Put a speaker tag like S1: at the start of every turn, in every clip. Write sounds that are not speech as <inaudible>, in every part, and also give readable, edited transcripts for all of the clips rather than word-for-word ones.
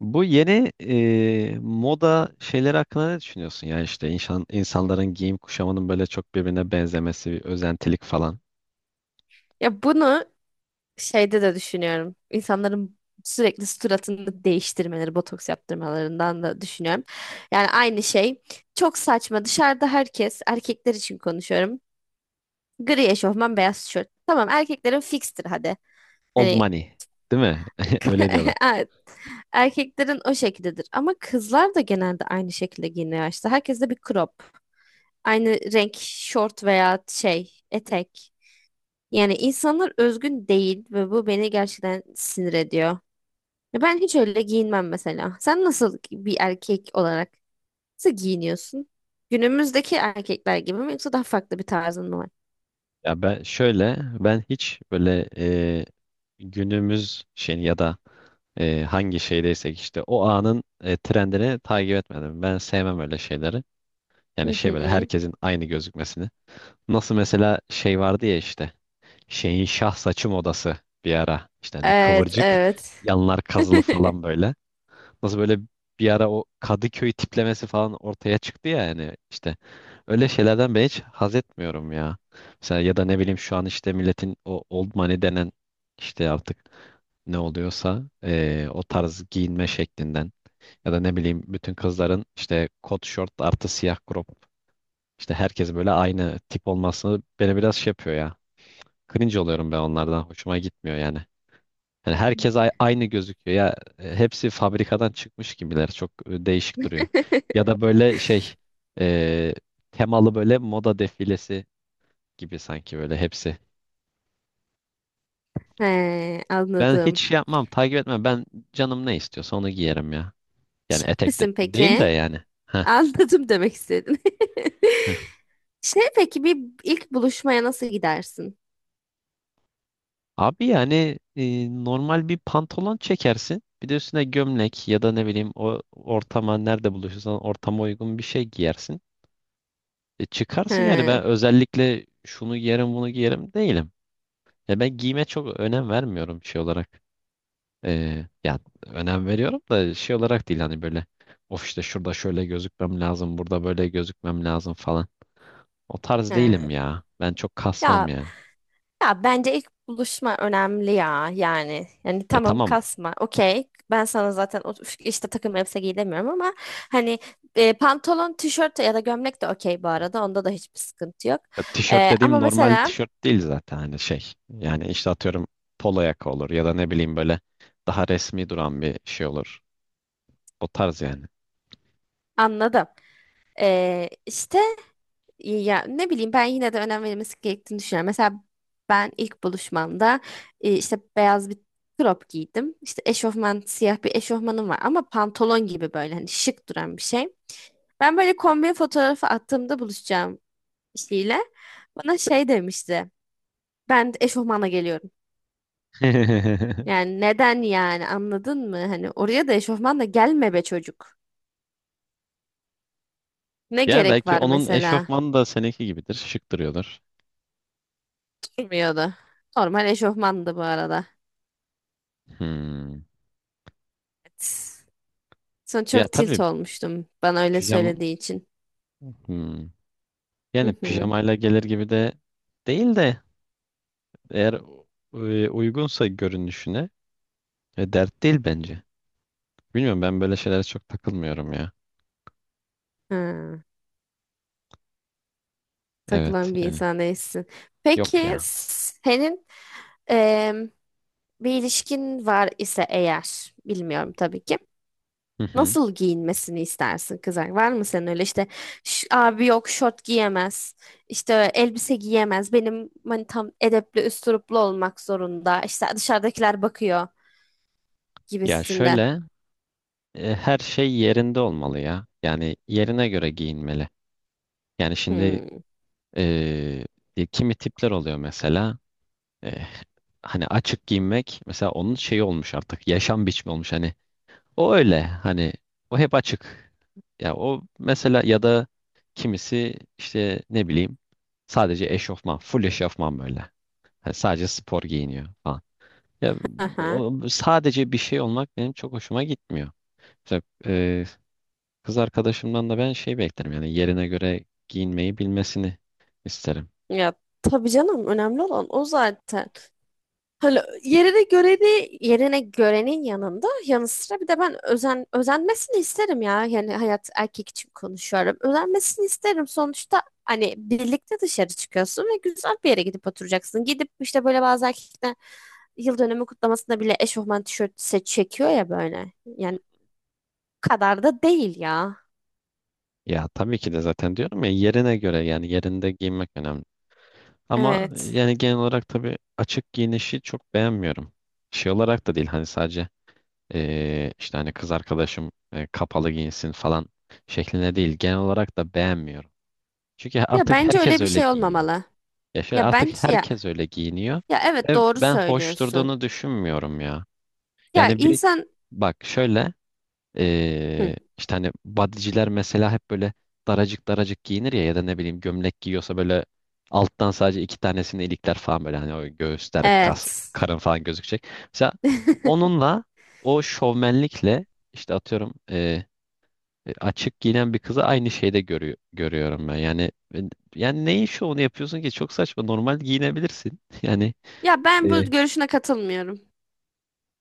S1: Bu yeni moda şeyleri hakkında ne düşünüyorsun? Yani işte insanların giyim kuşamının böyle çok birbirine benzemesi, bir özentilik falan.
S2: Ya bunu şeyde de düşünüyorum. İnsanların sürekli suratını değiştirmeleri, botoks yaptırmalarından da düşünüyorum. Yani aynı şey. Çok saçma. Dışarıda herkes, erkekler için konuşuyorum. Gri eşofman, beyaz tişört. Tamam, erkeklerin fikstir hadi.
S1: Old
S2: Hani
S1: money, değil mi? <laughs> Öyle
S2: <laughs>
S1: diyorlar.
S2: evet, erkeklerin o şekildedir. Ama kızlar da genelde aynı şekilde giyiniyor işte. Herkes de bir crop. Aynı renk şort veya şey, etek. Yani insanlar özgün değil ve bu beni gerçekten sinir ediyor. Ya ben hiç öyle giyinmem mesela. Sen nasıl bir erkek olarak nasıl giyiniyorsun? Günümüzdeki erkekler gibi mi yoksa daha farklı bir tarzın mı var?
S1: Ya ben şöyle ben hiç böyle günümüz şey ya da hangi şeydeysek işte o anın trendini takip etmedim. Ben sevmem öyle şeyleri.
S2: Hı
S1: Yani şey böyle
S2: hı.
S1: herkesin aynı gözükmesini. Nasıl mesela şey vardı ya işte şeyin şah saçım odası bir ara. İşte hani
S2: Evet,
S1: kıvırcık
S2: evet.
S1: yanlar kazılı
S2: <laughs>
S1: falan böyle. Nasıl böyle bir ara o Kadıköy tiplemesi falan ortaya çıktı ya yani işte öyle şeylerden ben hiç haz etmiyorum ya. Mesela ya da ne bileyim şu an işte milletin o old money denen işte artık ne oluyorsa o tarz giyinme şeklinden ya da ne bileyim bütün kızların işte kot şort artı siyah crop işte herkes böyle aynı tip olması beni biraz şey yapıyor ya. Cringe oluyorum ben onlardan. Hoşuma gitmiyor yani. Yani herkes aynı gözüküyor. Ya hepsi fabrikadan çıkmış gibiler. Çok değişik duruyor. Ya da böyle şey e, temalı böyle moda defilesi gibi sanki böyle hepsi.
S2: He,
S1: Ben hiç
S2: anladım.
S1: şey yapmam, takip etmem. Ben canım ne istiyorsa onu giyerim ya. Yani etek de
S2: Misin
S1: değil de
S2: peki?
S1: yani. Heh,
S2: Anladım demek istedin.
S1: heh.
S2: <laughs> Şey peki bir ilk buluşmaya nasıl gidersin?
S1: Abi yani normal bir pantolon çekersin. Bir de üstüne gömlek ya da ne bileyim o ortama nerede buluşursan ortama uygun bir şey giyersin. E çıkarsın yani
S2: He,
S1: ben özellikle şunu giyerim bunu giyerim değilim. Ya ben giyime çok önem vermiyorum şey olarak. Ya önem veriyorum da şey olarak değil hani böyle of işte şurada şöyle gözükmem lazım burada böyle gözükmem lazım falan. O tarz
S2: he.
S1: değilim ya. Ben çok kasmam
S2: Ya
S1: yani.
S2: Ya bence ilk buluşma önemli ya yani. Yani
S1: Ya
S2: tamam
S1: tamam
S2: kasma. Okey. Ben sana zaten işte takım elbise giy demiyorum ama hani pantolon, tişört ya da gömlek de okey bu arada. Onda da hiçbir sıkıntı yok.
S1: ya tişört dediğim
S2: Ama
S1: normal
S2: mesela
S1: tişört değil zaten hani şey. Yani işte atıyorum polo yaka olur ya da ne bileyim böyle daha resmi duran bir şey olur. O tarz yani.
S2: anladım. İşte ya ne bileyim ben yine de önem verilmesi gerektiğini düşünüyorum. Mesela ben ilk buluşmamda işte beyaz bir crop giydim. İşte eşofman siyah bir eşofmanım var ama pantolon gibi böyle hani şık duran bir şey. Ben böyle kombin fotoğrafı attığımda buluşacağım kişiyle bana şey demişti. Ben de eşofmanla geliyorum.
S1: <laughs>
S2: Yani neden yani anladın mı? Hani oraya da eşofmanla gelme be çocuk. Ne
S1: Yani
S2: gerek
S1: belki
S2: var
S1: onun
S2: mesela?
S1: eşofmanı da seninki gibidir. Şık duruyordur.
S2: Durmuyordu. Normal eşofmandı bu arada.
S1: Hmm.
S2: Evet. Sonra
S1: Ya
S2: çok tilt
S1: tabii
S2: olmuştum bana öyle
S1: pijama
S2: söylediği için.
S1: hmm. Yani
S2: Hı hı.
S1: pijamayla gelir gibi de değil de eğer uygunsa görünüşüne dert değil bence. Bilmiyorum ben böyle şeylere çok takılmıyorum ya.
S2: Ha,
S1: Evet
S2: takılan bir
S1: yani
S2: insan değilsin.
S1: yok
S2: Peki
S1: ya.
S2: senin em, bir ilişkin var ise eğer, bilmiyorum tabii ki.
S1: Hı hı.
S2: Nasıl giyinmesini istersin kızar? Var mı senin öyle işte " abi yok şort giyemez, işte elbise giyemez, benim hani tam edepli üsturuplu olmak zorunda, işte dışarıdakiler bakıyor
S1: Ya
S2: gibisinden.
S1: şöyle her şey yerinde olmalı ya. Yani yerine göre giyinmeli. Yani şimdi
S2: Hmm.
S1: eee, kimi tipler oluyor mesela Eh, hani açık giyinmek mesela onun şeyi olmuş artık yaşam biçimi olmuş hani o öyle hani o hep açık. Ya o mesela ya da kimisi işte ne bileyim sadece eşofman full eşofman böyle hani sadece spor giyiniyor falan. Ya
S2: Aha.
S1: o, sadece bir şey olmak benim çok hoşuma gitmiyor. Mesela, kız arkadaşımdan da ben şey beklerim yani yerine göre giyinmeyi bilmesini isterim.
S2: Ya tabii canım önemli olan o zaten. Hani yerine göreni yerine görenin yanında yanı sıra bir de ben özenmesini isterim ya. Yani hayat erkek için konuşuyorum. Özenmesini isterim. Sonuçta hani birlikte dışarı çıkıyorsun ve güzel bir yere gidip oturacaksın. Gidip işte böyle bazı erkekler yıl dönümü kutlamasında bile eşofman tişörtü çekiyor ya böyle. Yani o kadar da değil ya.
S1: Ya tabii ki de zaten diyorum ya yerine göre yani yerinde giyinmek önemli. Ama
S2: Evet.
S1: yani genel olarak tabii açık giyinişi çok beğenmiyorum. Şey olarak da değil hani sadece işte hani kız arkadaşım kapalı giyinsin falan şeklinde değil. Genel olarak da beğenmiyorum. Çünkü
S2: Ya
S1: artık
S2: bence öyle
S1: herkes
S2: bir
S1: öyle
S2: şey
S1: giyiniyor.
S2: olmamalı.
S1: Ya şöyle
S2: Ya
S1: artık
S2: bence ya
S1: herkes öyle giyiniyor
S2: ya evet
S1: ve
S2: doğru
S1: ben hoş
S2: söylüyorsun.
S1: durduğunu düşünmüyorum ya.
S2: Ya
S1: Yani bir
S2: insan
S1: bak şöyle
S2: hı,
S1: İşte hani bodyciler mesela hep böyle daracık daracık giyinir ya ya da ne bileyim gömlek giyiyorsa böyle alttan sadece iki tanesini ilikler falan böyle hani o göğüsler, kas,
S2: evet.
S1: karın falan gözükecek. Mesela
S2: <laughs>
S1: onunla o şovmenlikle işte atıyorum açık giyinen bir kızı aynı şeyde görüyorum ben. Yani neyin şovunu yapıyorsun ki? Çok saçma. Normal giyinebilirsin. <laughs> Yani
S2: Ya ben
S1: E,
S2: bu görüşüne katılmıyorum.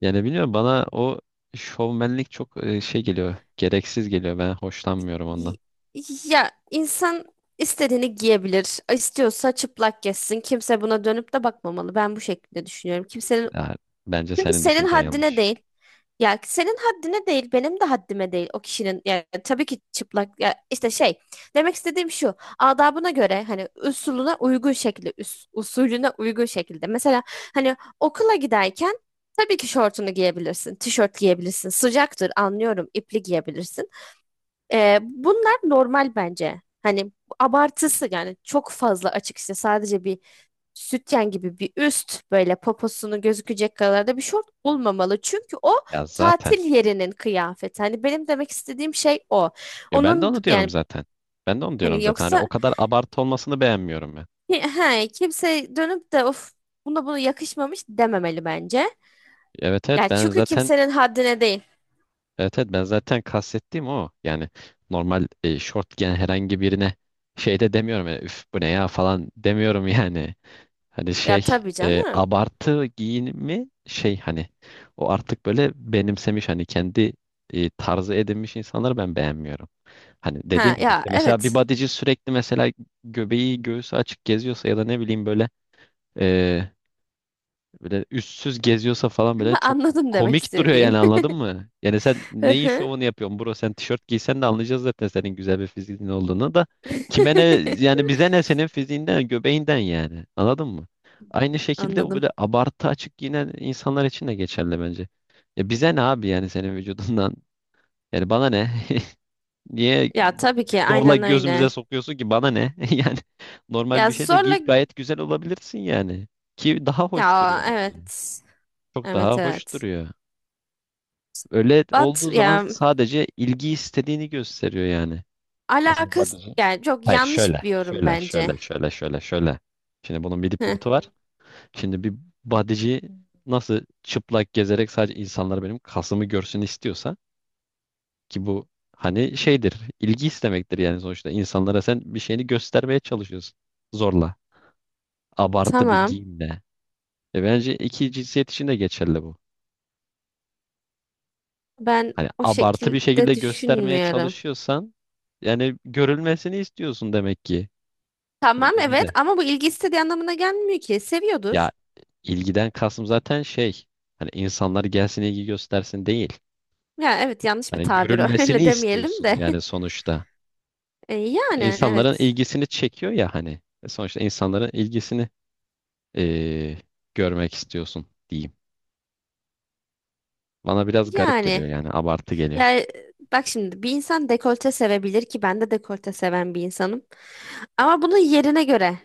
S1: yani bilmiyorum bana o şovmenlik çok şey geliyor. Gereksiz geliyor. Ben hoşlanmıyorum ondan.
S2: Y- Ya insan istediğini giyebilir. İstiyorsa çıplak gezsin. Kimse buna dönüp de bakmamalı. Ben bu şekilde düşünüyorum. Kimsenin
S1: Ya, bence
S2: çünkü
S1: senin
S2: senin
S1: düşüncen
S2: haddine
S1: yanlış.
S2: değil. Ya senin haddine değil, benim de haddime değil o kişinin. Yani tabii ki çıplak ya işte şey demek istediğim şu. Adabına göre hani usulüne uygun şekilde, usulüne uygun şekilde. Mesela hani okula giderken tabii ki şortunu giyebilirsin, tişört giyebilirsin. Sıcaktır anlıyorum, ipli giyebilirsin. Bunlar normal bence. Hani abartısı yani çok fazla açık açıkçası sadece bir sütyen gibi bir üst böyle poposunu gözükecek kadar da bir şort olmamalı. Çünkü o
S1: Ya
S2: tatil
S1: zaten.
S2: yerinin kıyafeti. Hani benim demek istediğim şey o.
S1: Ya ben de
S2: Onun
S1: onu diyorum
S2: yani
S1: zaten. Ben de onu diyorum
S2: hani
S1: zaten. Hani o
S2: yoksa
S1: kadar abartı olmasını beğenmiyorum ben.
S2: he, kimse dönüp de of buna bunu yakışmamış dememeli bence.
S1: Evet evet
S2: Yani
S1: ben
S2: çünkü
S1: zaten
S2: kimsenin haddine değil.
S1: evet, evet, ben zaten kastettiğim o. Yani normal short giyen herhangi birine şey de demiyorum. Yani, üf, bu ne ya falan demiyorum yani. Hani
S2: Ya
S1: şey
S2: tabii canım.
S1: abartı giyinimi şey hani o artık böyle benimsemiş hani kendi tarzı edinmiş insanları ben beğenmiyorum. Hani dediğim
S2: Ha
S1: gibi
S2: ya
S1: işte mesela bir
S2: evet.
S1: bodyci sürekli mesela göbeği göğsü açık geziyorsa ya da ne bileyim böyle eee, böyle üstsüz geziyorsa falan böyle
S2: <laughs>
S1: çok
S2: Anladım demek
S1: komik duruyor
S2: istediğin.
S1: yani anladın mı? Yani sen
S2: <laughs> Hı
S1: neyin
S2: hı.
S1: şovunu yapıyorsun bro, sen tişört giysen de anlayacağız zaten senin güzel bir fiziğin olduğunu da. Kime ne
S2: <laughs>
S1: yani, bize ne senin fiziğinden göbeğinden yani anladın mı? Aynı şekilde bu
S2: Anladım.
S1: böyle abartı açık giyinen insanlar için de geçerli bence. Ya bize ne abi yani senin vücudundan yani bana ne? <laughs> Niye
S2: Ya tabii ki
S1: zorla
S2: aynen
S1: gözümüze
S2: öyle.
S1: sokuyorsun ki, bana ne? <laughs> Yani normal
S2: Ya
S1: bir şey de
S2: zorla
S1: giyip gayet güzel olabilirsin yani. Ki daha hoş
S2: ya
S1: duruyor bence.
S2: evet.
S1: Çok daha
S2: Evet
S1: hoş
S2: evet.
S1: duruyor. Öyle
S2: But
S1: olduğu zaman
S2: ya
S1: sadece ilgi istediğini gösteriyor yani. Nasıl bir
S2: alakası
S1: bodyci?
S2: yani çok
S1: Hayır
S2: yanlış
S1: şöyle.
S2: bir yorum
S1: Şöyle
S2: bence.
S1: şöyle şöyle şöyle şöyle. Şimdi bunun bir
S2: Heh,
S1: dipnotu var. Şimdi bir bodyci nasıl çıplak gezerek sadece insanlar benim kasımı görsün istiyorsa, ki bu hani şeydir, ilgi istemektir yani sonuçta. İnsanlara sen bir şeyini göstermeye çalışıyorsun. Zorla. Abartı bir
S2: tamam.
S1: giyimle. E bence iki cinsiyet için de geçerli bu.
S2: Ben
S1: Hani
S2: o
S1: abartı bir
S2: şekilde
S1: şekilde göstermeye
S2: düşünmüyorum.
S1: çalışıyorsan yani görülmesini istiyorsun demek ki.
S2: Tamam
S1: Bence
S2: evet
S1: böyle.
S2: ama bu ilgi istediği anlamına gelmiyor ki.
S1: Ya
S2: Seviyordur.
S1: ilgiden kastım zaten şey hani insanlar gelsin ilgi göstersin değil.
S2: Ya evet yanlış bir
S1: Hani
S2: tabir o. <laughs> Öyle
S1: görülmesini
S2: demeyelim
S1: istiyorsun
S2: de.
S1: yani
S2: <laughs>
S1: sonuçta.
S2: Yani
S1: İnsanların
S2: evet.
S1: ilgisini çekiyor ya hani. E sonuçta insanların ilgisini eee, görmek istiyorsun diyeyim. Bana biraz garip
S2: Yani
S1: geliyor yani abartı geliyor.
S2: yani bak şimdi bir insan dekolte sevebilir ki ben de dekolte seven bir insanım. Ama bunu yerine göre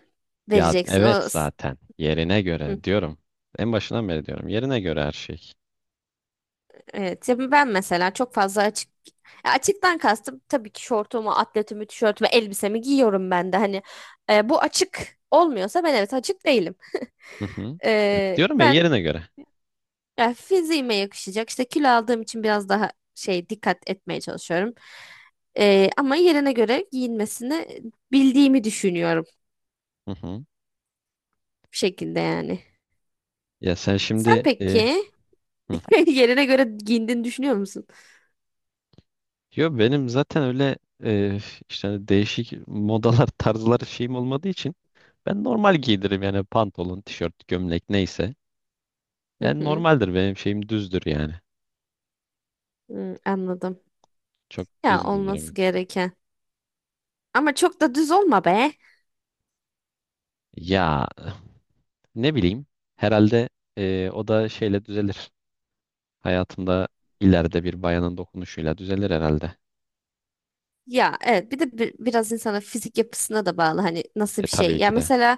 S1: Ya
S2: vereceksin.
S1: evet
S2: O
S1: zaten yerine göre diyorum. En başından beri diyorum yerine göre her şey.
S2: evet, ya ben mesela çok fazla açık ya açıktan kastım tabii ki şortumu, atletimi, tişörtümü, elbisemi giyiyorum ben de. Hani bu açık olmuyorsa ben evet açık değilim.
S1: Hı hı. Ya, diyorum ya,
S2: Ben
S1: yerine göre.
S2: ya fiziğime yakışacak işte kilo aldığım için biraz daha şey dikkat etmeye çalışıyorum. Ama yerine göre giyinmesini bildiğimi düşünüyorum
S1: Hı hı.
S2: bu şekilde yani.
S1: Ya sen
S2: Sen
S1: şimdi
S2: peki
S1: hı.
S2: <laughs> yerine göre giyindiğini düşünüyor musun?
S1: Yo, benim zaten öyle e, işte hani değişik modalar <laughs> tarzlar şeyim olmadığı için ben normal giydiririm yani, pantolon, tişört, gömlek neyse.
S2: Hı
S1: Yani
S2: hı.
S1: normaldir benim şeyim, düzdür yani.
S2: Hı, anladım.
S1: Çok
S2: Ya
S1: düz
S2: olması
S1: giyinirim.
S2: gereken. Ama çok da düz olma be.
S1: Ya, ne bileyim. Herhalde o da şeyle düzelir. Hayatında ileride bir bayanın dokunuşuyla düzelir herhalde.
S2: Ya evet bir de biraz insanın fizik yapısına da bağlı hani nasıl
S1: E
S2: bir şey.
S1: tabii
S2: Ya
S1: ki de.
S2: mesela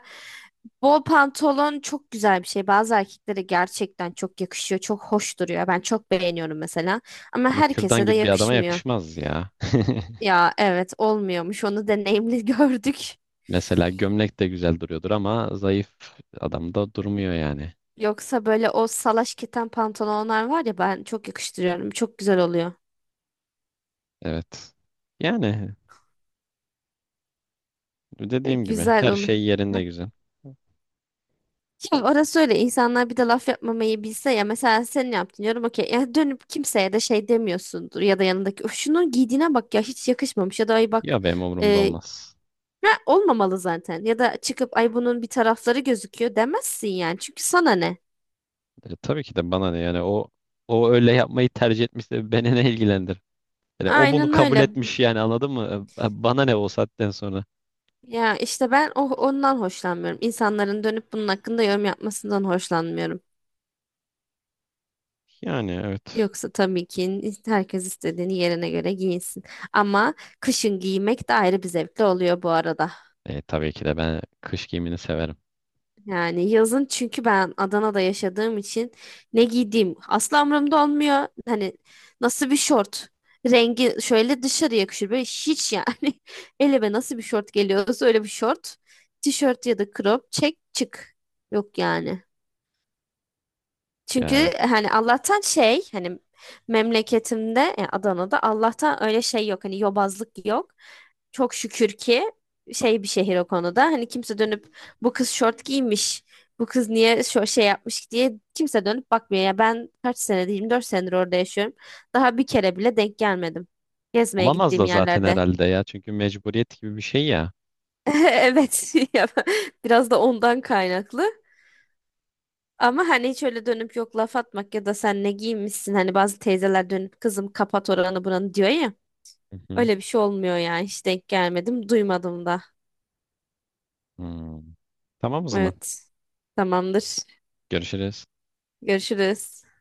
S2: bol pantolon çok güzel bir şey. Bazı erkeklere gerçekten çok yakışıyor. Çok hoş duruyor. Ben çok beğeniyorum mesela. Ama
S1: Ama kürdan
S2: herkese de
S1: gibi bir adama
S2: yakışmıyor.
S1: yakışmaz ya. <laughs>
S2: Ya evet olmuyormuş. Onu deneyimli <laughs> gördük.
S1: Mesela gömlek de güzel duruyordur ama zayıf adamda durmuyor yani.
S2: Yoksa böyle o salaş keten pantolonlar var ya ben çok yakıştırıyorum. Çok güzel oluyor.
S1: Evet. Yani
S2: <laughs>
S1: dediğim gibi
S2: Güzel
S1: her
S2: oluyor.
S1: şey yerinde güzel.
S2: Şimdi orası öyle insanlar bir de laf yapmamayı bilse ya mesela sen ne yaptın diyorum okey ya dönüp kimseye de şey demiyorsundur ya da yanındaki "Öf, şunun giydiğine bak ya hiç yakışmamış ya da ay bak
S1: Ya benim umurumda
S2: e,
S1: olmaz.
S2: ya olmamalı zaten ya da çıkıp ay bunun bir tarafları gözüküyor demezsin yani çünkü sana ne?
S1: E, tabii ki de bana ne yani, o o öyle yapmayı tercih etmişse beni ne ilgilendir? Yani o bunu
S2: Aynen
S1: kabul
S2: öyle
S1: etmiş yani anladın mı? E, bana ne o saatten sonra?
S2: ya işte ben o, ondan hoşlanmıyorum. İnsanların dönüp bunun hakkında yorum yapmasından hoşlanmıyorum.
S1: Yani evet.
S2: Yoksa tabii ki herkes istediğini yerine göre giyinsin. Ama kışın giymek de ayrı bir zevkli oluyor bu arada.
S1: E, tabii ki de ben kış giyimini severim.
S2: Yani yazın çünkü ben Adana'da yaşadığım için ne giydiğim asla umurumda olmuyor. Hani nasıl bir şort rengi şöyle dışarı yakışır böyle hiç yani <laughs> elime nasıl bir şort geliyorsa öyle bir şort tişört ya da crop çek çık yok yani. Çünkü
S1: Ya evet.
S2: hani Allah'tan şey hani memleketimde yani Adana'da Allah'tan öyle şey yok hani yobazlık yok. Çok şükür ki şey bir şehir o konuda. Hani kimse dönüp bu kız şort giymiş. Bu kız niye şu şey yapmış diye kimse dönüp bakmıyor. Ya ben kaç senedir 24 senedir orada yaşıyorum. Daha bir kere bile denk gelmedim. Gezmeye
S1: Olamaz
S2: gittiğim
S1: da zaten
S2: yerlerde.
S1: herhalde ya. Çünkü mecburiyet gibi bir şey ya.
S2: <laughs> Evet. <laughs> Ya, biraz da ondan kaynaklı. Ama hani hiç öyle dönüp yok laf atmak ya da sen ne giymişsin hani bazı teyzeler dönüp kızım kapat oranı buranı diyor ya.
S1: Hı hı.
S2: Öyle bir şey olmuyor ya hiç denk gelmedim duymadım da.
S1: Hmm. Tamam o zaman.
S2: Evet, tamamdır,
S1: Görüşürüz.
S2: görüşürüz.